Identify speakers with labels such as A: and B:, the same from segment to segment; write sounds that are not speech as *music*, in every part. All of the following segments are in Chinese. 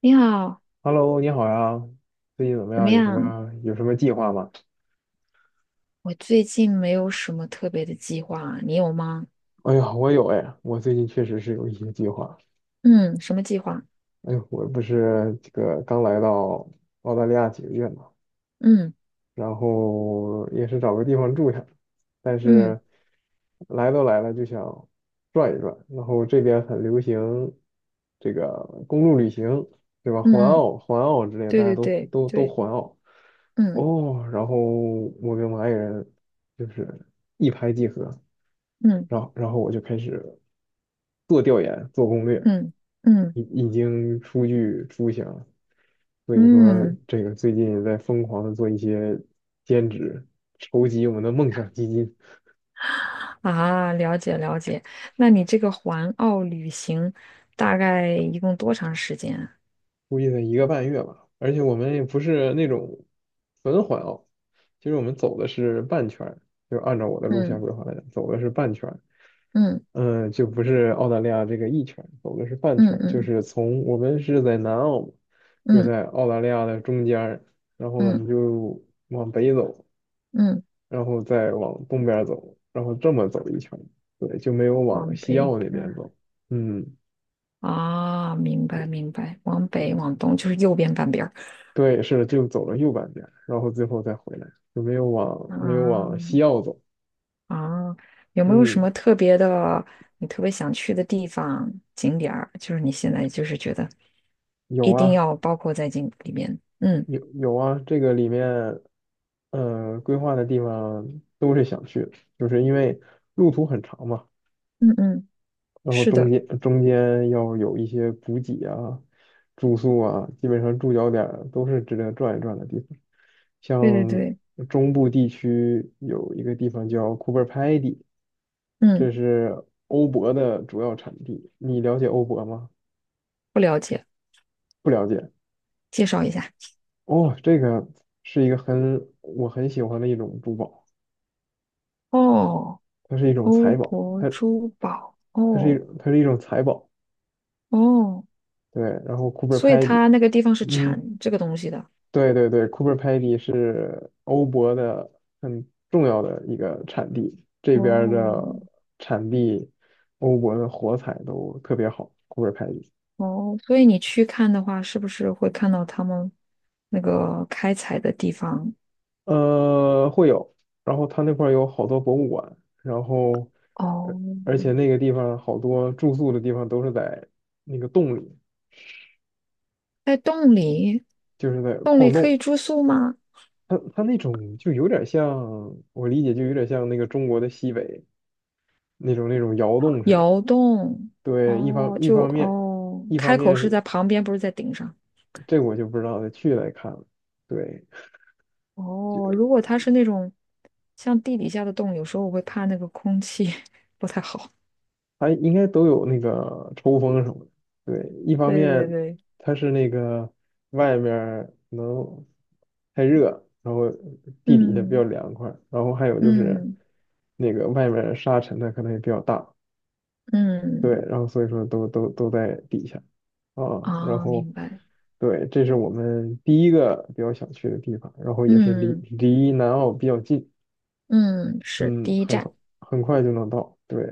A: 你好，
B: Hello，你好呀，最近怎么
A: 怎么
B: 样？有什
A: 样？
B: 么有什么计划吗？
A: 我最近没有什么特别的计划啊，你有吗？
B: 哎呀，我有哎，我最近确实是有一些计划。
A: 嗯，什么计划？
B: 哎呦，我不是这个刚来到澳大利亚几个月嘛，
A: 嗯
B: 然后也是找个地方住下，但
A: 嗯
B: 是来都来了就想转一转。然后这边很流行这个公路旅行，对吧？环
A: 嗯嗯，
B: 澳、环澳之类的，
A: 对
B: 大家
A: 对
B: 都
A: 对
B: 都都
A: 对，
B: 环澳
A: 嗯
B: 哦。然后我跟我爱人就是一拍即合。
A: 嗯
B: 然后我就开始做调研、做攻略，
A: 嗯嗯
B: 已经初具雏形了。所以说，
A: 嗯
B: 这个最近也在疯狂的做一些兼职，筹集我们的梦想基金，
A: 啊，了解了解。那你这个环澳旅行大概一共多长时间啊？
B: 估计得一个半月吧。而且我们也不是那种纯环哦，其实我们走的是半圈儿，就按照我的路线
A: 嗯
B: 规划来讲，走的是半圈。
A: 嗯
B: 嗯，就不是澳大利亚这个一圈，走的是半圈
A: 嗯
B: 儿，就
A: 嗯
B: 是从，我们是在南澳嘛，就
A: 嗯
B: 在澳大利亚的中间儿。然后我
A: 嗯
B: 们就往北走，
A: 嗯，
B: 然后再往东边儿走，然后这么走一圈儿。对，就没有往
A: 往
B: 西
A: 北
B: 澳那
A: 边
B: 边
A: 儿。
B: 走，嗯，
A: 啊，明白
B: 对，
A: 明白，往
B: 对
A: 北往东就是右边半边儿。
B: 对，是的，就走了右半边儿然后最后再回来，就没有往
A: 啊，
B: 没有往西澳走，
A: 啊，有没有什
B: 嗯，
A: 么特别的，你特别想去的地方、景点儿？就是你现在就是觉得
B: 有
A: 一定
B: 啊。
A: 要包括在进里面。嗯
B: 有啊，这个里面，规划的地方都是想去的，就是因为路途很长嘛，
A: 嗯嗯，
B: 然后
A: 是
B: 中
A: 的，
B: 间中间要有一些补给啊、住宿啊，基本上住脚点儿都是值得转一转的地方。
A: 对对
B: 像
A: 对。
B: 中部地区有一个地方叫库珀拍迪，
A: 嗯，
B: 这是欧泊的主要产地。你了解欧泊吗？
A: 不了解，
B: 不了解。
A: 介绍一下。
B: 哦，这个是一个我很喜欢的一种珠宝。
A: 哦，
B: 它是一种
A: 欧
B: 财宝，
A: 泊珠宝，哦。
B: 它是一种财宝，
A: 哦，
B: 对。然后 Cooper
A: 所以
B: Pedy，
A: 它那个地方是
B: 嗯，
A: 产这个东西的。
B: 对对对，Cooper Pedy 是欧泊的很重要的一个产地，这边儿
A: 哦。
B: 的产地，欧泊的火彩都特别好，Cooper Pedy，
A: 哦，所以你去看的话，是不是会看到他们那个开采的地方？
B: 呃，会有。然后它那块儿有好多博物馆，然后，
A: 哦，
B: 而且那个地方好多住宿的地方都是在那个洞里，
A: 在洞里，
B: 就是在
A: 洞里
B: 矿
A: 可
B: 洞。
A: 以住宿吗？
B: 它那种就有点像，我理解就有点像那个中国的西北那种窑洞似的。
A: 窑洞，
B: 对，一方
A: 哦，
B: 一
A: 就
B: 方面，
A: 哦，
B: 一方
A: 开口
B: 面
A: 是在
B: 是
A: 旁边，不是在顶上。
B: 这我就不知道，得去来看了。对，
A: 哦，如果它是那种像地底下的洞，有时候我会怕那个空气 *laughs* 不太好。
B: 它应该都有那个抽风什么的。对，一方
A: 对对
B: 面
A: 对，
B: 它是那个外面儿可能太热，然后地底下比较
A: 嗯
B: 凉快，然后还有就是
A: 嗯
B: 那个外面儿沙尘它可能也比较大，
A: 嗯，
B: 对，然后所以说都在底下啊，然
A: 啊，
B: 后
A: 明白。
B: 对，这是我们第一个比较想去的地方，然后也是离
A: 嗯
B: 离南澳比较近，
A: 嗯，是
B: 嗯，
A: 第一
B: 很
A: 站。
B: 快很快就能到，对。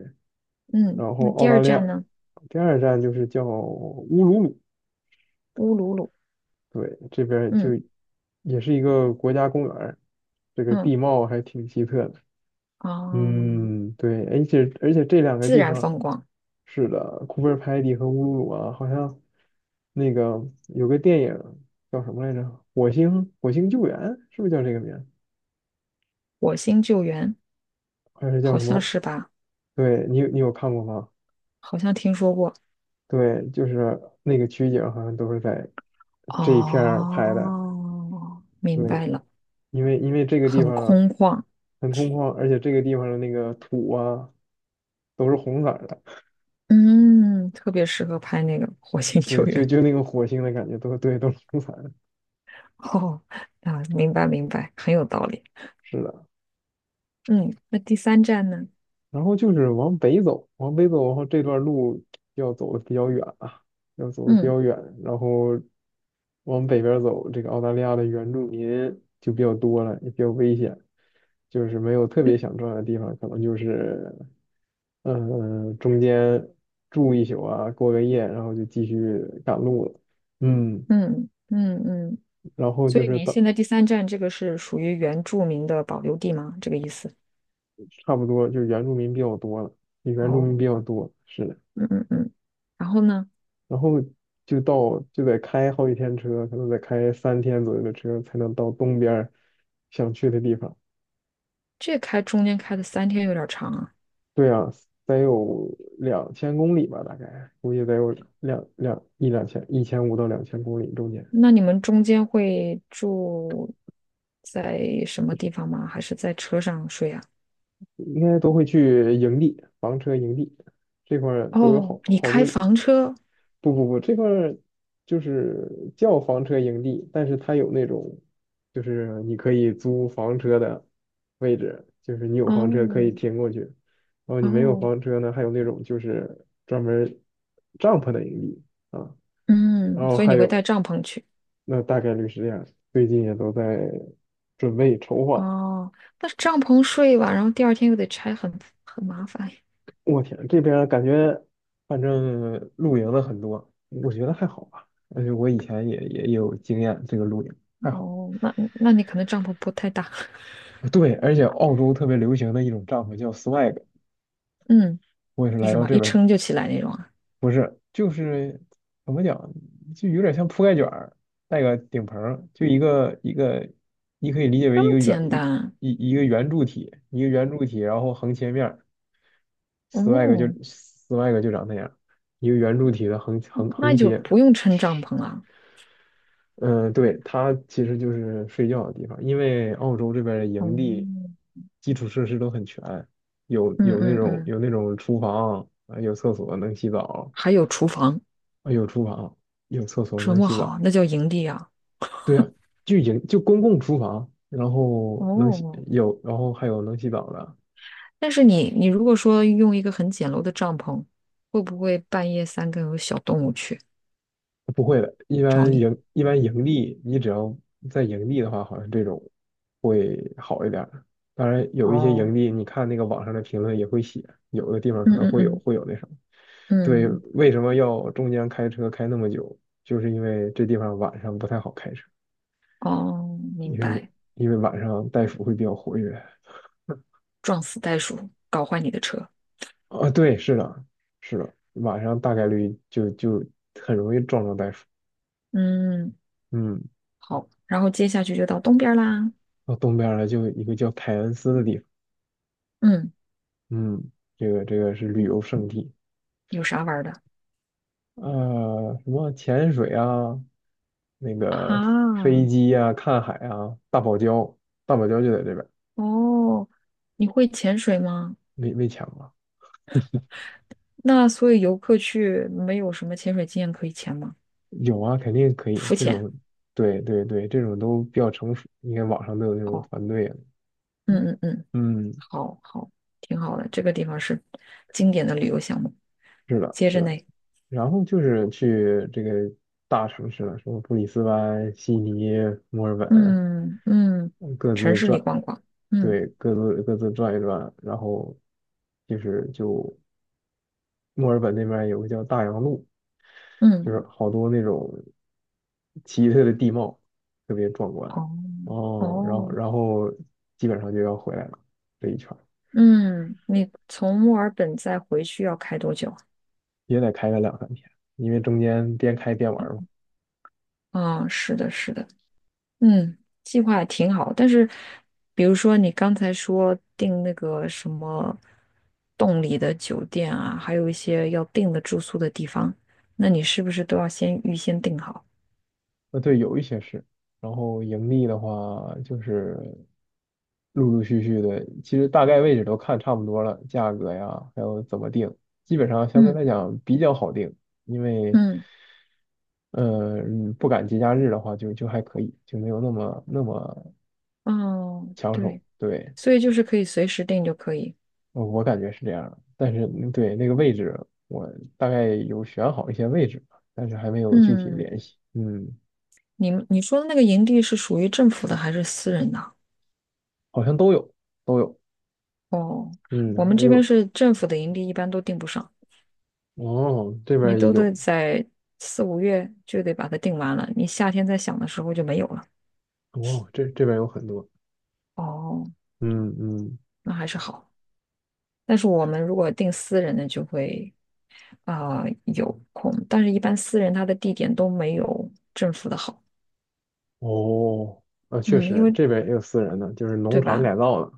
A: 嗯，
B: 然后
A: 那
B: 澳
A: 第
B: 大
A: 二
B: 利亚
A: 站呢？
B: 第二站就是叫乌鲁鲁，
A: 乌鲁鲁。
B: 对，这边儿就
A: 嗯
B: 也是一个国家公园儿，这个
A: 嗯，
B: 地貌还挺奇特的，
A: 啊，
B: 嗯，对，而且这两个
A: 自
B: 地
A: 然
B: 方。
A: 风光。
B: 是的，库贝尔派蒂和乌鲁鲁啊，好像那个有个电影叫什么来着？火星救援是不是叫这个名儿？
A: 火星救援，
B: 还是叫
A: 好
B: 什
A: 像
B: 么？
A: 是吧？
B: 对，你有看过吗？
A: 好像听说过。
B: 对，就是那个取景好像都是在这一片儿拍的。
A: 哦，明
B: 对，
A: 白了。
B: 因为这个地
A: 很
B: 方
A: 空旷。
B: 很空旷，而且这个地方的那个土啊都是红色儿的。
A: 嗯，特别适合拍那个火星
B: *laughs*
A: 救
B: 对，就
A: 援。
B: 就那个火星的感觉都对，都是红色儿的。
A: *laughs* 哦，啊，明白明白，很有道理。
B: 是的。
A: 嗯，那第三站呢？
B: 然后就是往北走，往北走，然后这段路要走的比较远啊，要走的比
A: 嗯
B: 较远，然后往北边走，这个澳大利亚的原住民就比较多了，也比较危险，就是没有特别想转的地方，可能就是，中间住一宿啊，过个夜，然后就继续赶路了，嗯，
A: 嗯嗯嗯，
B: 然后
A: 所
B: 就
A: 以
B: 是
A: 您
B: 到
A: 现在第三站这个是属于原住民的保留地吗？这个意思？
B: 差不多就是原住民比较多了，原住
A: 哦，
B: 民比较多，是的。
A: 嗯嗯嗯。然后呢，
B: 然后就到就得开好几天车，可能得开3天左右的车才能到东边儿想去的地方。
A: 这开中间开的三天有点长啊。
B: 对啊，得有2000公里吧，大概估计得有两两一两千1500到2000公里中间，
A: 那你们中间会住在什么地方吗？还是在车上睡啊？
B: 应该都会去营地，房车营地这块儿都有
A: 哦，
B: 好
A: 你
B: 好
A: 开
B: 多
A: 房车？
B: 不不不，这块儿就是叫房车营地，但是它有那种，就是你可以租房车的位置，就是你有房车可以
A: 哦。
B: 停过去，然后你没有
A: 哦，
B: 房车呢，还有那种就是专门帐篷的营地啊，然
A: 嗯，
B: 后
A: 所以
B: 还
A: 你会带
B: 有，
A: 帐篷去？
B: 那大概率是这样，最近也都在准备筹划。
A: 哦，那帐篷睡吧，然后第二天又得拆很，很麻烦。
B: 我天，这边儿感觉反正露营的很多，我觉得还好吧，而且我以前也有经验，这个露营还好。
A: 哦，那你可能帐篷不太大。
B: 对，而且澳洲特别流行的一种帐篷叫 swag，
A: *laughs* 嗯，
B: 我也是
A: 是
B: 来
A: 什
B: 到
A: 么
B: 这
A: 一
B: 边的，
A: 撑就起来那种啊？
B: 不是，就是怎么讲，就有点像铺盖卷儿，带个顶棚儿，就一个一个，你可以理解为一
A: 这么
B: 个圆
A: 简单？
B: 一一个圆柱体，一个圆柱体，然后横切面儿，swag 就
A: 哦，
B: swag 就长那样，一个圆柱体的横横
A: 那
B: 横
A: 就
B: 切，
A: 不用撑帐篷了。
B: 嗯，对，它其实就是睡觉的地方，因为澳洲这边的营地
A: 哦，
B: 基础设施都很全，有
A: 嗯
B: 有那
A: 嗯
B: 种
A: 嗯，
B: 有那种厨房啊，有厕所能洗澡
A: 还有厨房，
B: 啊，有厨房，有厕所
A: 这
B: 能
A: 么
B: 洗澡，
A: 好，那叫营地啊。
B: 对啊，就公共厨房，然后能洗
A: 哦，
B: 有，然后还有能洗澡的，
A: 但是你如果说用一个很简陋的帐篷，会不会半夜三更有小动物去
B: 不会的，一
A: 找
B: 般
A: 你？
B: 盈一般盈利，你只要在盈利的话，好像这种会好一点儿。当然，有一些
A: 哦，
B: 盈利，你看那个网上的评论也会写，有的地方可
A: 嗯
B: 能
A: 嗯
B: 会有
A: 嗯
B: 会有那什么。对，
A: 嗯，
B: 为什么要中间开车开那么久？就是因为这地方晚上不太好开车，
A: 哦，明
B: 因为
A: 白。
B: 因为晚上袋鼠会比较活跃。
A: 撞死袋鼠，搞坏你的车。
B: 啊，对，是的，是的，晚上大概率就很容易撞上袋鼠。
A: 嗯，
B: 嗯，
A: 好，然后接下去就到东边儿啦。
B: 到东边儿了，就有一个叫凯恩斯的地方。
A: 嗯，
B: 嗯，这个是旅游胜地，
A: 有啥玩儿的
B: 呃，什么潜水啊，那个飞
A: 啊？
B: 机啊，看海啊，大堡礁，大堡礁就在这边儿，
A: 哦，你会潜水吗？
B: 没抢啊，
A: 那所以游客去没有什么潜水经验可以潜吗？
B: 有啊，肯定可以，
A: 浮
B: 这
A: 潜。
B: 种，对对对，这种都比较成熟，你看网上都有那种
A: 哦，
B: 团队啊，
A: 嗯嗯嗯。
B: 嗯，
A: 好好，挺好的。这个地方是经典的旅游项目。
B: 是的，
A: 接
B: 是
A: 着呢，
B: 的，然后就是去这个大城市了，什么布里斯班、悉尼、墨尔本，
A: 嗯嗯，
B: 嗯各
A: 城
B: 自
A: 市里
B: 转，
A: 逛逛。嗯
B: 对，各自转一转，然后就墨尔本那边有个叫大洋路，就
A: 嗯，
B: 是好多那种奇特的地貌，特别壮观。
A: 哦。
B: 哦，然后
A: 哦，
B: 然后基本上就要回来了，这一圈儿
A: 嗯，你从墨尔本再回去要开多久
B: 也得开个2、3天，因为中间边开边玩
A: 啊？
B: 儿嘛。
A: 啊，是的，是的。嗯，计划也挺好，但是比如说你刚才说订那个什么洞里的酒店啊，还有一些要订的住宿的地方，那你是不是都要先预先订好？
B: 对，有一些是，然后盈利的话就是陆陆续续的，其实大概位置都看差不多了，价格呀，还有怎么定，基本上相对
A: 嗯
B: 来讲比较好定，因为，
A: 嗯。
B: 不赶节假日的话就还可以，就没有那么那么
A: 哦，
B: 抢手，
A: 对，
B: 对，
A: 所以就是可以随时定就可以。
B: 我感觉是这样的，但是对那个位置，我大概有选好一些位置，但是还没有具体
A: 嗯，
B: 联系，嗯，
A: 你说的那个营地是属于政府的还是私人的啊？
B: 好像都有都有。
A: 哦，
B: 嗯，
A: 我们
B: 还
A: 这边
B: 有
A: 是政府的营地，一般都定不上，
B: 哦，这边
A: 你
B: 儿也
A: 都得
B: 有，
A: 在四五月就得把它定完了，你夏天再想的时候就没有了。
B: 哦，这边儿有很多，
A: 哦，
B: 嗯嗯，
A: 那还是好。但是我们如果定私人的就会啊、有空，但是一般私人他的地点都没有政府的好。
B: 哦，啊，确
A: 嗯，因
B: 实，
A: 为
B: 这边儿也有私人的，就是农
A: 对
B: 场
A: 吧？
B: 改造的，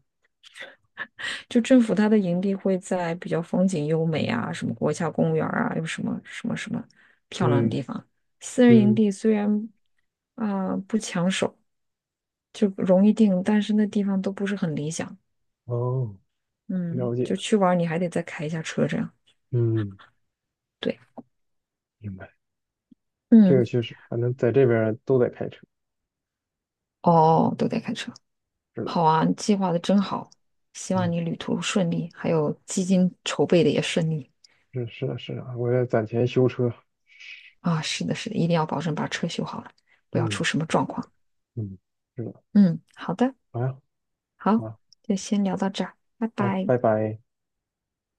A: 就政府它的营地会在比较风景优美啊，什么国家公园儿啊，有什么什么什么漂亮的
B: 嗯
A: 地方。私人营
B: 嗯，
A: 地虽然啊、呃不抢手，就容易定，但是那地方都不是很理想。
B: 哦，
A: 嗯，
B: 了解，
A: 就去玩儿你还得再开一下车这样。
B: 嗯，
A: 对，
B: 明白，这个
A: 嗯，
B: 确实，反正在这边儿都得开车，
A: 哦，都得开车。
B: 是的，
A: 好啊，你计划的真好，希望
B: 嗯，
A: 你旅途顺利，还有基金筹备的也顺利
B: 是的，是的，我在攒钱修车，
A: 啊。是的，是的，一定要保证把车修好了，不要
B: 嗯
A: 出什么状况。
B: 嗯，是的，
A: 嗯，好的。
B: 好呀，
A: 好，
B: 啊，
A: 就先聊到这儿，拜
B: 好，
A: 拜。
B: 拜拜。